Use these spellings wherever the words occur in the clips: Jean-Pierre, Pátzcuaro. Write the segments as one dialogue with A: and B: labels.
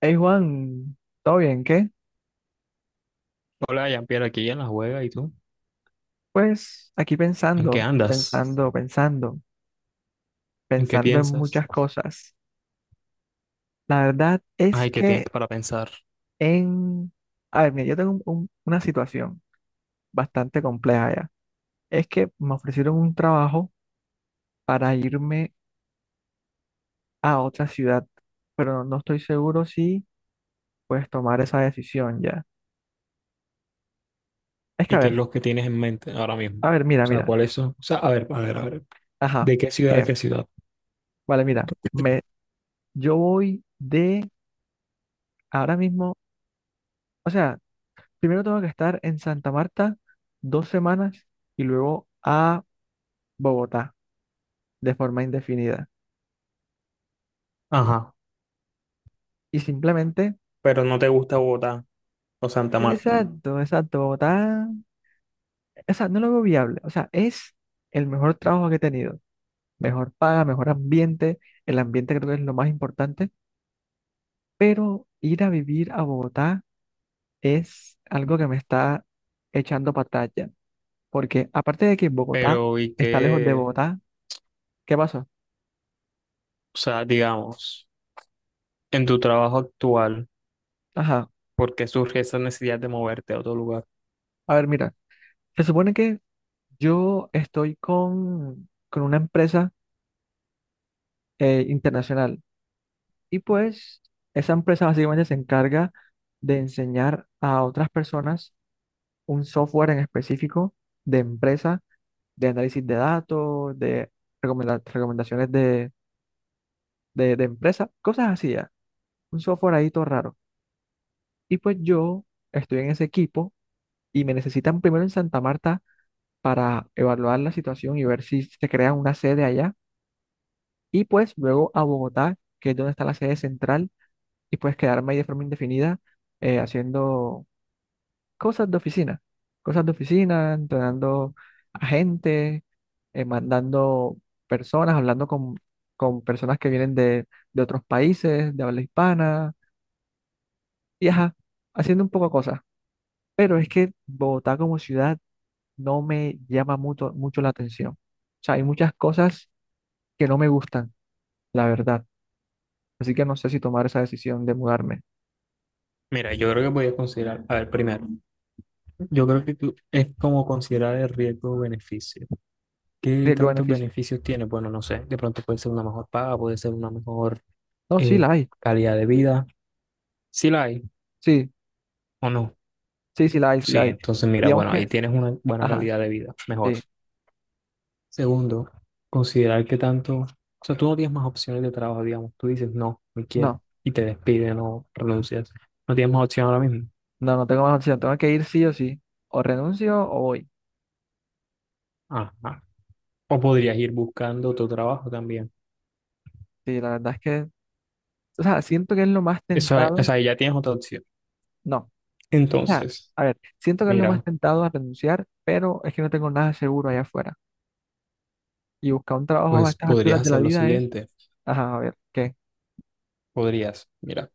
A: Hey Juan, ¿todo bien? ¿Qué?
B: Hola, Jean-Pierre, aquí en la juega, ¿y tú?
A: Pues aquí
B: ¿En qué
A: pensando,
B: andas?
A: pensando, pensando,
B: ¿En qué
A: pensando en
B: piensas?
A: muchas cosas. La verdad es
B: Ay, ¿qué tienes
A: que
B: para pensar?
A: en... A ver, mira, yo tengo una situación bastante compleja ya. Es que me ofrecieron un trabajo para irme a otra ciudad, pero no estoy seguro si puedes tomar esa decisión ya. Es que
B: ¿Y qué es lo que tienes en mente ahora mismo? O
A: a ver, mira,
B: sea,
A: mira.
B: ¿cuáles son? O sea, a ver, a ver, a ver.
A: Ajá,
B: ¿De qué ciudad a
A: ¿qué?
B: qué ciudad?
A: Vale, mira, yo voy de ahora mismo, o sea... Primero tengo que estar en Santa Marta 2 semanas y luego a Bogotá de forma indefinida.
B: Ajá,
A: Y simplemente,
B: pero no te gusta Bogotá o Santa Marta.
A: exacto, exacto, Bogotá, o sea, no lo veo viable. O sea, es el mejor trabajo que he tenido. Mejor paga, mejor ambiente. El ambiente creo que es lo más importante. Pero ir a vivir a Bogotá es algo que me está echando para atrás ya. Porque aparte de que Bogotá
B: Pero, ¿y
A: está lejos de
B: qué?
A: Bogotá, ¿qué pasó?
B: O sea, digamos, en tu trabajo actual,
A: Ajá.
B: ¿por qué surge esa necesidad de moverte a otro lugar?
A: A ver, mira. Se supone que yo estoy con una empresa internacional y pues esa empresa básicamente se encarga de enseñar a otras personas un software en específico de empresa, de análisis de datos, de recomendaciones de empresa, cosas así, ya. Un software ahí todo raro. Y pues yo estoy en ese equipo y me necesitan primero en Santa Marta para evaluar la situación y ver si se crea una sede allá y pues luego a Bogotá, que es donde está la sede central, y pues quedarme ahí de forma indefinida haciendo cosas de oficina, cosas de oficina, entrenando a gente, mandando personas, hablando con personas que vienen de otros países, de habla hispana, y ajá, haciendo un poco cosas. Pero es que Bogotá como ciudad no me llama mucho, mucho la atención. O sea, hay muchas cosas que no me gustan, la verdad. Así que no sé si tomar esa decisión de mudarme.
B: Mira, yo creo que podías considerar, a ver, primero, yo creo que tú es como considerar el riesgo-beneficio. ¿Qué tantos
A: Riesgo-beneficio.
B: beneficios tiene? Bueno, no sé, de pronto puede ser una mejor paga, puede ser una mejor
A: No, sí
B: eh,
A: la hay.
B: calidad de vida. Si la hay
A: Sí,
B: o no.
A: sí, sí la hay, sí
B: Sí,
A: la hay.
B: entonces mira,
A: Digamos
B: bueno, ahí
A: que,
B: tienes una buena
A: ajá,
B: calidad de vida, mejor.
A: sí.
B: Segundo, considerar que tanto, o sea, tú no tienes más opciones de trabajo, digamos, tú dices, no, no quiero,
A: No,
B: y te despiden o renuncias. No tienes más opción ahora mismo.
A: no, no tengo más opción. Tengo que ir sí o sí. O renuncio o voy.
B: Ajá. O podrías ir buscando otro trabajo también.
A: Sí, la verdad es que, o sea, siento que es lo más
B: Eso, o
A: tentado.
B: sea, ahí ya tienes otra opción.
A: No, o sea,
B: Entonces,
A: a ver, siento que es lo más
B: mira,
A: tentado a renunciar, pero es que no tengo nada seguro allá afuera. Y buscar un trabajo a
B: pues
A: estas
B: podrías
A: alturas de la
B: hacer lo
A: vida es,
B: siguiente.
A: ajá, a ver, ¿qué?
B: Podrías, mira.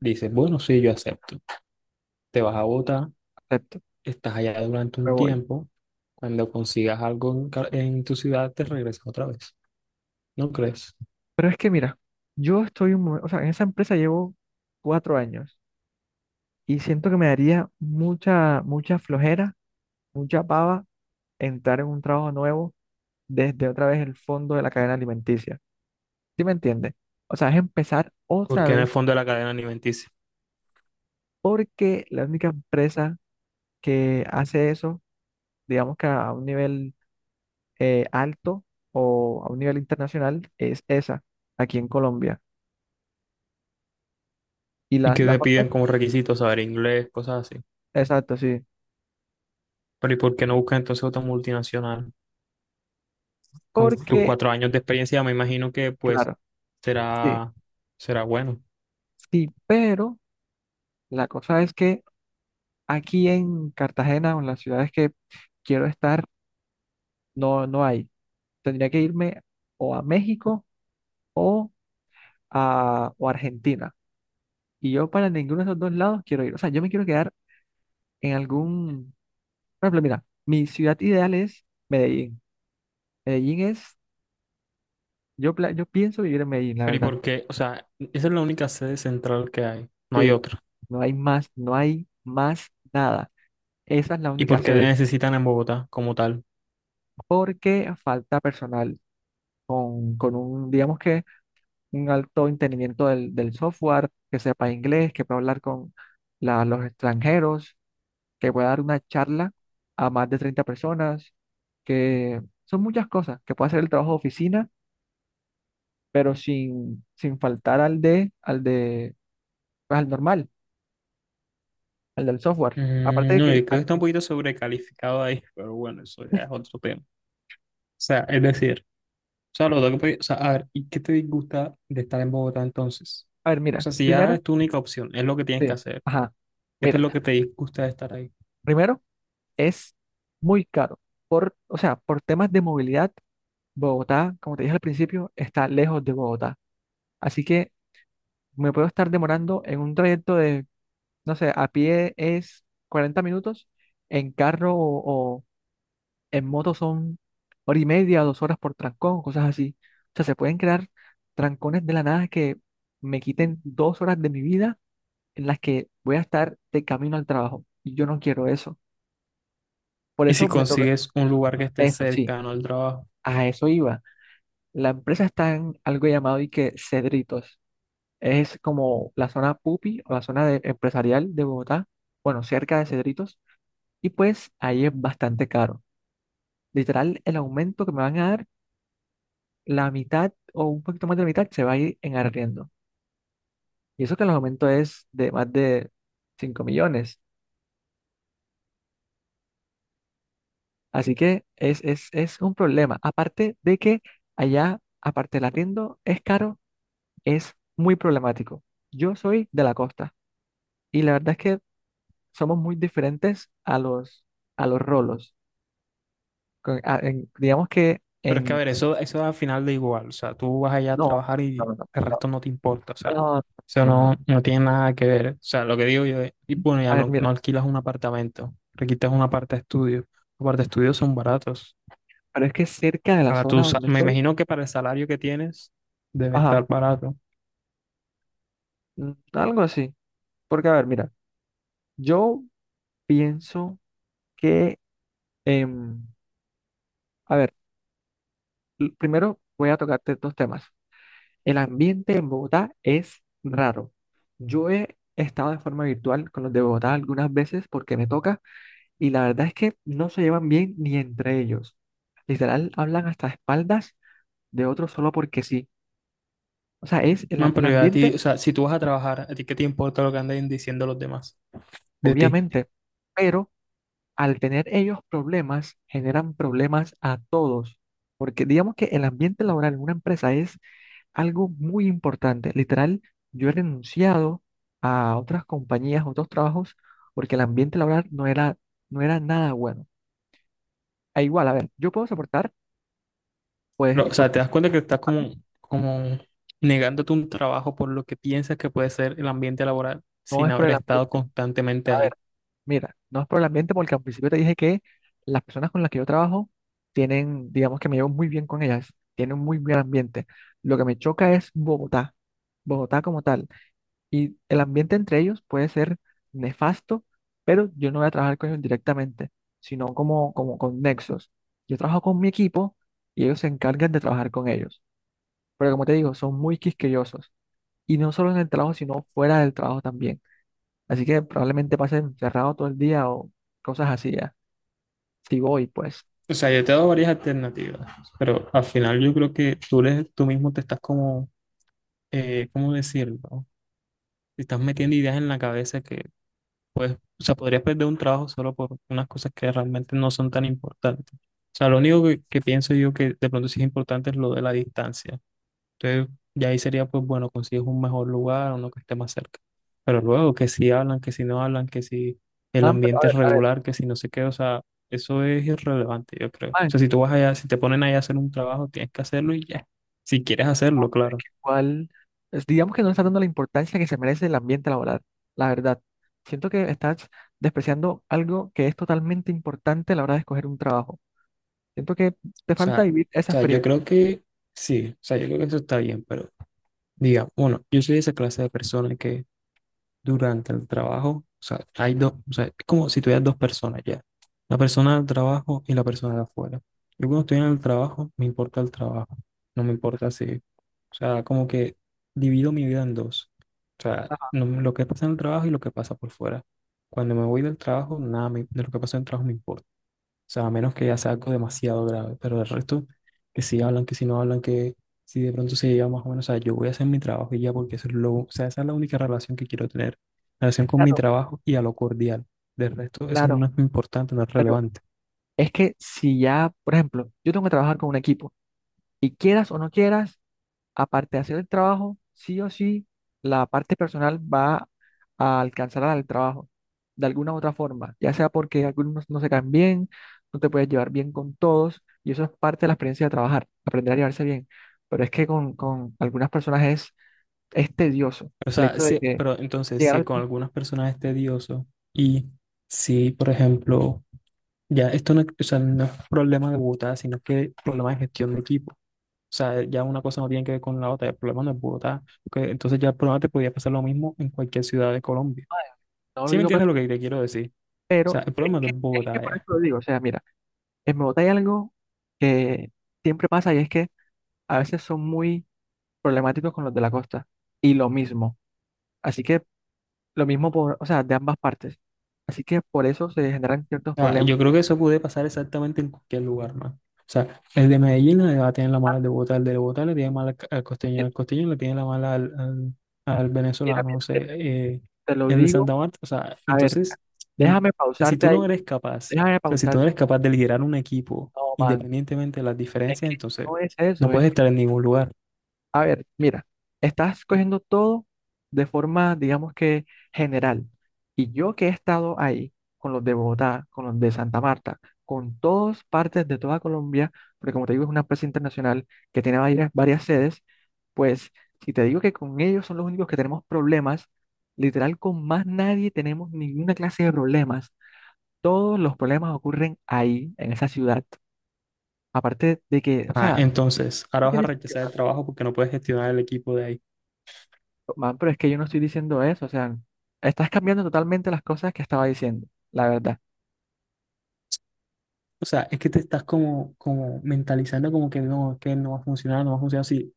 B: Dices, bueno, sí, yo acepto. Te vas a Bogotá,
A: Acepto,
B: estás allá durante
A: me
B: un
A: voy.
B: tiempo. Cuando consigas algo en, en tu ciudad, te regresas otra vez. ¿No crees?
A: Pero es que mira, yo estoy un momento, o sea, en esa empresa llevo 4 años y siento que me daría mucha, mucha flojera mucha pava entrar en un trabajo nuevo desde otra vez el fondo de la cadena alimenticia. ¿Sí me entiendes? O sea, es empezar otra
B: Porque en el
A: vez
B: fondo de la cadena alimenticia.
A: porque la única empresa que hace eso, digamos que a un nivel alto o a un nivel internacional, es esa, aquí en Colombia. Y
B: Y
A: las,
B: que
A: las
B: te
A: otras,
B: piden como requisitos saber inglés, cosas así.
A: exacto, sí.
B: Pero ¿y por qué no buscas entonces otra multinacional? Con tus
A: Porque,
B: cuatro años de experiencia, me imagino que pues
A: claro, sí,
B: será, será bueno.
A: sí, pero la cosa es que aquí en Cartagena o en las ciudades que quiero estar, no, no hay. Tendría que irme o a México o a Argentina. Y yo para ninguno de esos dos lados quiero ir. O sea, yo me quiero quedar en algún... Por ejemplo, mira, mi ciudad ideal es Medellín. Medellín es... Yo pienso vivir en Medellín, la
B: Pero ¿y
A: verdad.
B: por qué? O sea, esa es la única sede central que hay. No hay
A: Sí,
B: otra.
A: no hay más, no hay más nada. Esa es la
B: ¿Y
A: única
B: por qué te
A: sede.
B: necesitan en Bogotá como tal?
A: Porque falta personal con un, digamos que, un alto entendimiento del software, que sepa inglés, que pueda hablar con los extranjeros que pueda dar una charla a más de 30 personas, que son muchas cosas, que pueda hacer el trabajo de oficina, pero sin faltar al de, pues, al normal, al del software. Aparte de
B: No,
A: que
B: yo creo que está un
A: también,
B: poquito sobrecalificado ahí, pero bueno, eso ya es otro tema. O sea, es decir, o sea, o sea, a ver, ¿y qué te disgusta de estar en Bogotá entonces?
A: a ver,
B: O
A: mira,
B: sea, si ya
A: primero,
B: es tu única opción, es lo que tienes
A: sí,
B: que hacer.
A: ajá,
B: ¿Qué es
A: mira,
B: lo que te disgusta de estar ahí?
A: primero es muy caro. O sea, por temas de movilidad, Bogotá, como te dije al principio, está lejos de Bogotá. Así que me puedo estar demorando en un trayecto de no sé, a pie es 40 minutos, en carro o en moto son hora y media, 2 horas por trancón, cosas así. O sea, se pueden crear trancones de la nada que me quiten 2 horas de mi vida en las que voy a estar de camino al trabajo. Y yo no quiero eso. Por
B: Y si
A: eso me toca
B: consigues un lugar que esté
A: eso, sí,
B: cercano al trabajo.
A: a eso iba. La empresa está en algo llamado y que Cedritos. Es como la zona pupi o la zona empresarial de Bogotá, bueno, cerca de Cedritos. Y pues ahí es bastante caro. Literal, el aumento que me van a dar, la mitad o un poquito más de la mitad se va a ir en arriendo. Y eso que el aumento es de más de 5 millones. Así que es un problema. Aparte de que allá, aparte del arriendo, es caro, es muy problemático. Yo soy de la costa y la verdad es que somos muy diferentes a los, rolos. Digamos que
B: Pero es que, a
A: en...
B: ver, eso al final da igual. O sea, tú vas allá a
A: No,
B: trabajar
A: no,
B: y
A: no, no,
B: el resto no te importa. O sea,
A: no,
B: eso
A: no, no. No.
B: no, no, tiene nada que ver. O sea, lo que digo yo es, y bueno, ya
A: A ver,
B: no,
A: mira.
B: no alquilas un apartamento, alquilas una parte de estudio. Los parte de estudio son baratos.
A: Pero es que cerca de la
B: Para
A: zona
B: tu,
A: donde
B: me
A: estoy,
B: imagino que para el salario que tienes debe
A: ajá,
B: estar barato.
A: algo así. Porque, a ver, mira, yo pienso que, em, a ver, primero voy a tocarte dos temas. El ambiente en Bogotá es raro. Yo he estado de forma virtual con los de Bogotá algunas veces porque me toca y la verdad es que no se llevan bien ni entre ellos. Literal, hablan hasta espaldas de otros solo porque sí. O sea, es el, a-
B: Man,
A: el
B: pero ya a ti,
A: ambiente,
B: o sea, si tú vas a trabajar, ¿a ti qué te importa lo que anden diciendo los demás de ti?
A: obviamente, pero al tener ellos problemas, generan problemas a todos. Porque digamos que el ambiente laboral en una empresa es algo muy importante. Literal, yo he renunciado a otras compañías, a otros trabajos, porque el ambiente laboral no era, no era nada bueno. A igual, a ver, yo puedo soportar, pues,
B: Pero,
A: y
B: o
A: por
B: sea, te das cuenta que estás
A: a mí
B: como, como negándote un trabajo por lo que piensas que puede ser el ambiente laboral
A: no
B: sin
A: es por
B: haber
A: el
B: estado
A: ambiente.
B: constantemente ahí.
A: Mira, no es por el ambiente porque al principio te dije que las personas con las que yo trabajo tienen, digamos que me llevo muy bien con ellas, tienen un muy buen ambiente. Lo que me choca es Bogotá, Bogotá como tal. Y el ambiente entre ellos puede ser nefasto, pero yo no voy a trabajar con ellos directamente, sino como con nexos. Yo trabajo con mi equipo y ellos se encargan de trabajar con ellos. Pero como te digo, son muy quisquillosos. Y no solo en el trabajo, sino fuera del trabajo también. Así que probablemente pase encerrado todo el día o cosas así ya. Si voy, pues.
B: O sea, yo te he dado varias alternativas, pero al final yo creo que tú mismo te estás como, ¿cómo decirlo? Te estás metiendo ideas en la cabeza que, pues, o sea, podrías perder un trabajo solo por unas cosas que realmente no son tan importantes. O sea, lo único que, pienso yo que de pronto sí es importante es lo de la distancia. Entonces, ya ahí sería, pues bueno, consigues un mejor lugar, uno que esté más cerca. Pero luego, que si hablan, que si no hablan, que si el
A: Man, pero
B: ambiente es
A: a ver,
B: regular, que si no sé qué, o sea, eso es irrelevante, yo creo. O
A: man,
B: sea, si tú vas allá, si te ponen allá a hacer un trabajo, tienes que hacerlo y ya. Si quieres hacerlo, claro.
A: ¿cuál? Digamos que no le estás dando la importancia que se merece el ambiente laboral, la verdad. Siento que estás despreciando algo que es totalmente importante a la hora de escoger un trabajo. Siento que te falta
B: O
A: vivir esa
B: sea, yo
A: experiencia.
B: creo que sí, o sea, yo creo que eso está bien, pero diga, bueno, yo soy esa clase de persona que durante el trabajo, o sea, hay dos, o sea, es como si tuvieras dos personas ya, la persona del trabajo y la persona de afuera. Yo cuando estoy en el trabajo, me importa el trabajo, no me importa si, o sea, como que divido mi vida en dos, o sea, lo que pasa en el trabajo y lo que pasa por fuera. Cuando me voy del trabajo, nada me- de lo que pasa en el trabajo me importa. O sea, a menos que ya sea algo demasiado grave, pero el resto, que si hablan, que si no hablan, que si de pronto se lleva más o menos, o sea, yo voy a hacer mi trabajo y ya, porque o sea, esa es la única relación que quiero tener, relación con mi
A: Claro,
B: trabajo y a lo cordial. Del resto, eso no
A: claro,
B: es importante, no es
A: pero
B: relevante.
A: es que si ya, por ejemplo, yo tengo que trabajar con un equipo y quieras o no quieras, aparte de hacer el trabajo, sí o sí, la parte personal va a alcanzar al trabajo, de alguna u otra forma, ya sea porque algunos no se caen bien, no te puedes llevar bien con todos, y eso es parte de la experiencia de trabajar, aprender a llevarse bien. Pero es que con algunas personas es tedioso
B: O
A: el
B: sea,
A: hecho de
B: sí,
A: que
B: pero entonces,
A: llegar
B: si
A: al
B: con
A: punto,
B: algunas personas es tedioso y si, por ejemplo, ya esto no, o sea, no es problema de Bogotá, sino que problema de gestión de equipo. O sea, ya una cosa no tiene que ver con la otra, el problema no es Bogotá, porque entonces ya el problema te podría pasar lo mismo en cualquier ciudad de Colombia.
A: no lo
B: ¿Sí me
A: digo, pero
B: entiendes lo que te quiero decir? O sea,
A: pero
B: el
A: es
B: problema no
A: que,
B: es
A: es que
B: Bogotá
A: por eso
B: ya.
A: lo digo, o sea, mira, en Bogotá hay algo que siempre pasa y es que a veces son muy problemáticos con los de la costa, y lo mismo. Así que lo mismo por, o sea, de ambas partes. Así que por eso se generan ciertos
B: Ah,
A: problemas.
B: yo creo que eso puede pasar exactamente en cualquier lugar, man. O sea, el de Medellín le va a tener la
A: Ah,
B: mala al de Bogotá, el de Bogotá le tiene mala al, costeño,
A: mira,
B: el costeño le tiene la mala al
A: mira,
B: venezolano, o
A: mira,
B: sea,
A: mira. Te lo
B: el de
A: digo.
B: Santa Marta, o sea,
A: A ver,
B: entonces, no, o
A: déjame
B: sea, si
A: pausarte
B: tú no
A: ahí.
B: eres capaz,
A: Déjame
B: o sea, si tú no
A: pausarte.
B: eres capaz de liderar un equipo
A: No, man.
B: independientemente de las
A: Es
B: diferencias,
A: que
B: entonces
A: no es
B: no
A: eso.
B: puedes estar en ningún lugar.
A: A ver, mira, estás cogiendo todo de forma, digamos que general. Y yo que he estado ahí con los de Bogotá, con los de Santa Marta, con todas partes de toda Colombia, porque como te digo, es una empresa internacional que tiene varias, varias sedes, pues si te digo que con ellos son los únicos que tenemos problemas, literal con más nadie tenemos ninguna clase de problemas. Todos los problemas ocurren ahí, en esa ciudad. Aparte de que, o
B: Ah,
A: sea,
B: entonces, ahora
A: no
B: vas a
A: tiene sentido.
B: rechazar el
A: ¿No?
B: trabajo porque no puedes gestionar el equipo de ahí.
A: Man, pero es que yo no estoy diciendo eso, o sea, estás cambiando totalmente las cosas que estaba diciendo, la verdad.
B: O sea, es que te estás como, mentalizando como que no va a funcionar, no va a funcionar si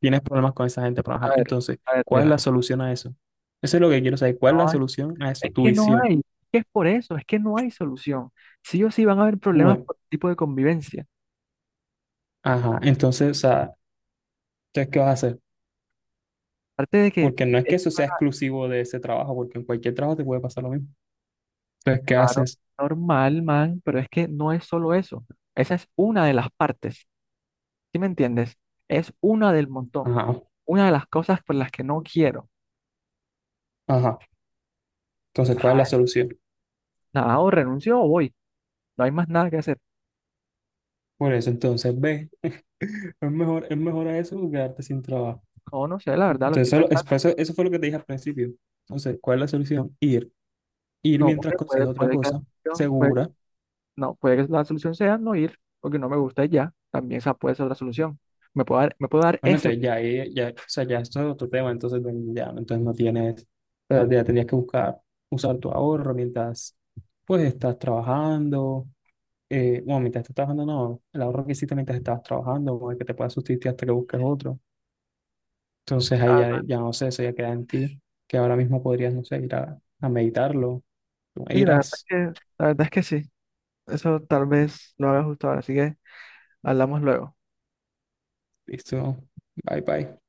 B: tienes problemas con esa gente. Pero ajá,
A: A ver,
B: entonces,
A: a ver,
B: ¿cuál es la
A: mira,
B: solución a eso? Eso es lo que quiero saber. ¿Cuál es la
A: no hay-
B: solución a eso?
A: es
B: Tu
A: que no
B: visión.
A: hay, es que es por eso, es que no hay solución. Sí o sí van a haber problemas
B: Bueno,
A: por tipo de convivencia.
B: ajá. Entonces, o sea, entonces, ¿qué vas a hacer?
A: Aparte de que,
B: Porque no es
A: es
B: que eso sea exclusivo de ese trabajo, porque en cualquier trabajo te puede pasar lo mismo. Entonces, ¿qué
A: claro,
B: haces?
A: normal, man, pero es que no es solo eso. Esa es una de las partes, ¿sí me entiendes? Es una del montón,
B: Ajá,
A: una de las cosas por las que no quiero.
B: ajá. Entonces, ¿cuál es la
A: Ajá,
B: solución?
A: nada, o renuncio o voy, no hay más nada que hacer.
B: Por eso, entonces, ve, es mejor a eso que quedarte sin trabajo.
A: No, no sé, la verdad, lo
B: Entonces,
A: estoy pensando.
B: eso, eso fue lo que te dije al principio. Entonces, ¿cuál es la solución? Ir
A: No,
B: mientras
A: porque puede,
B: consigues otra
A: puede que la
B: cosa
A: solución, pues,
B: segura.
A: no, puede que la solución sea no ir, porque no me gusta y ya. También esa puede ser la solución. Me puedo dar
B: Bueno,
A: ese.
B: entonces ya, ya, o sea, ya esto es otro tema, entonces bueno, ya, entonces no tienes, o sea, ya tendrías que buscar usar tu ahorro mientras pues estás trabajando, bueno, mientras estás trabajando no, el ahorro que hiciste mientras estabas trabajando, o el que te pueda sustituir hasta que busques otro. Entonces ahí ya,
A: Ah,
B: ya no sé, eso ya queda en ti, que ahora mismo podrías, no sé, ir a, meditarlo,
A: sí, la verdad es
B: irás,
A: que, la verdad es que sí. Eso tal vez lo haga justo ahora, así que hablamos luego.
B: listo, bye bye.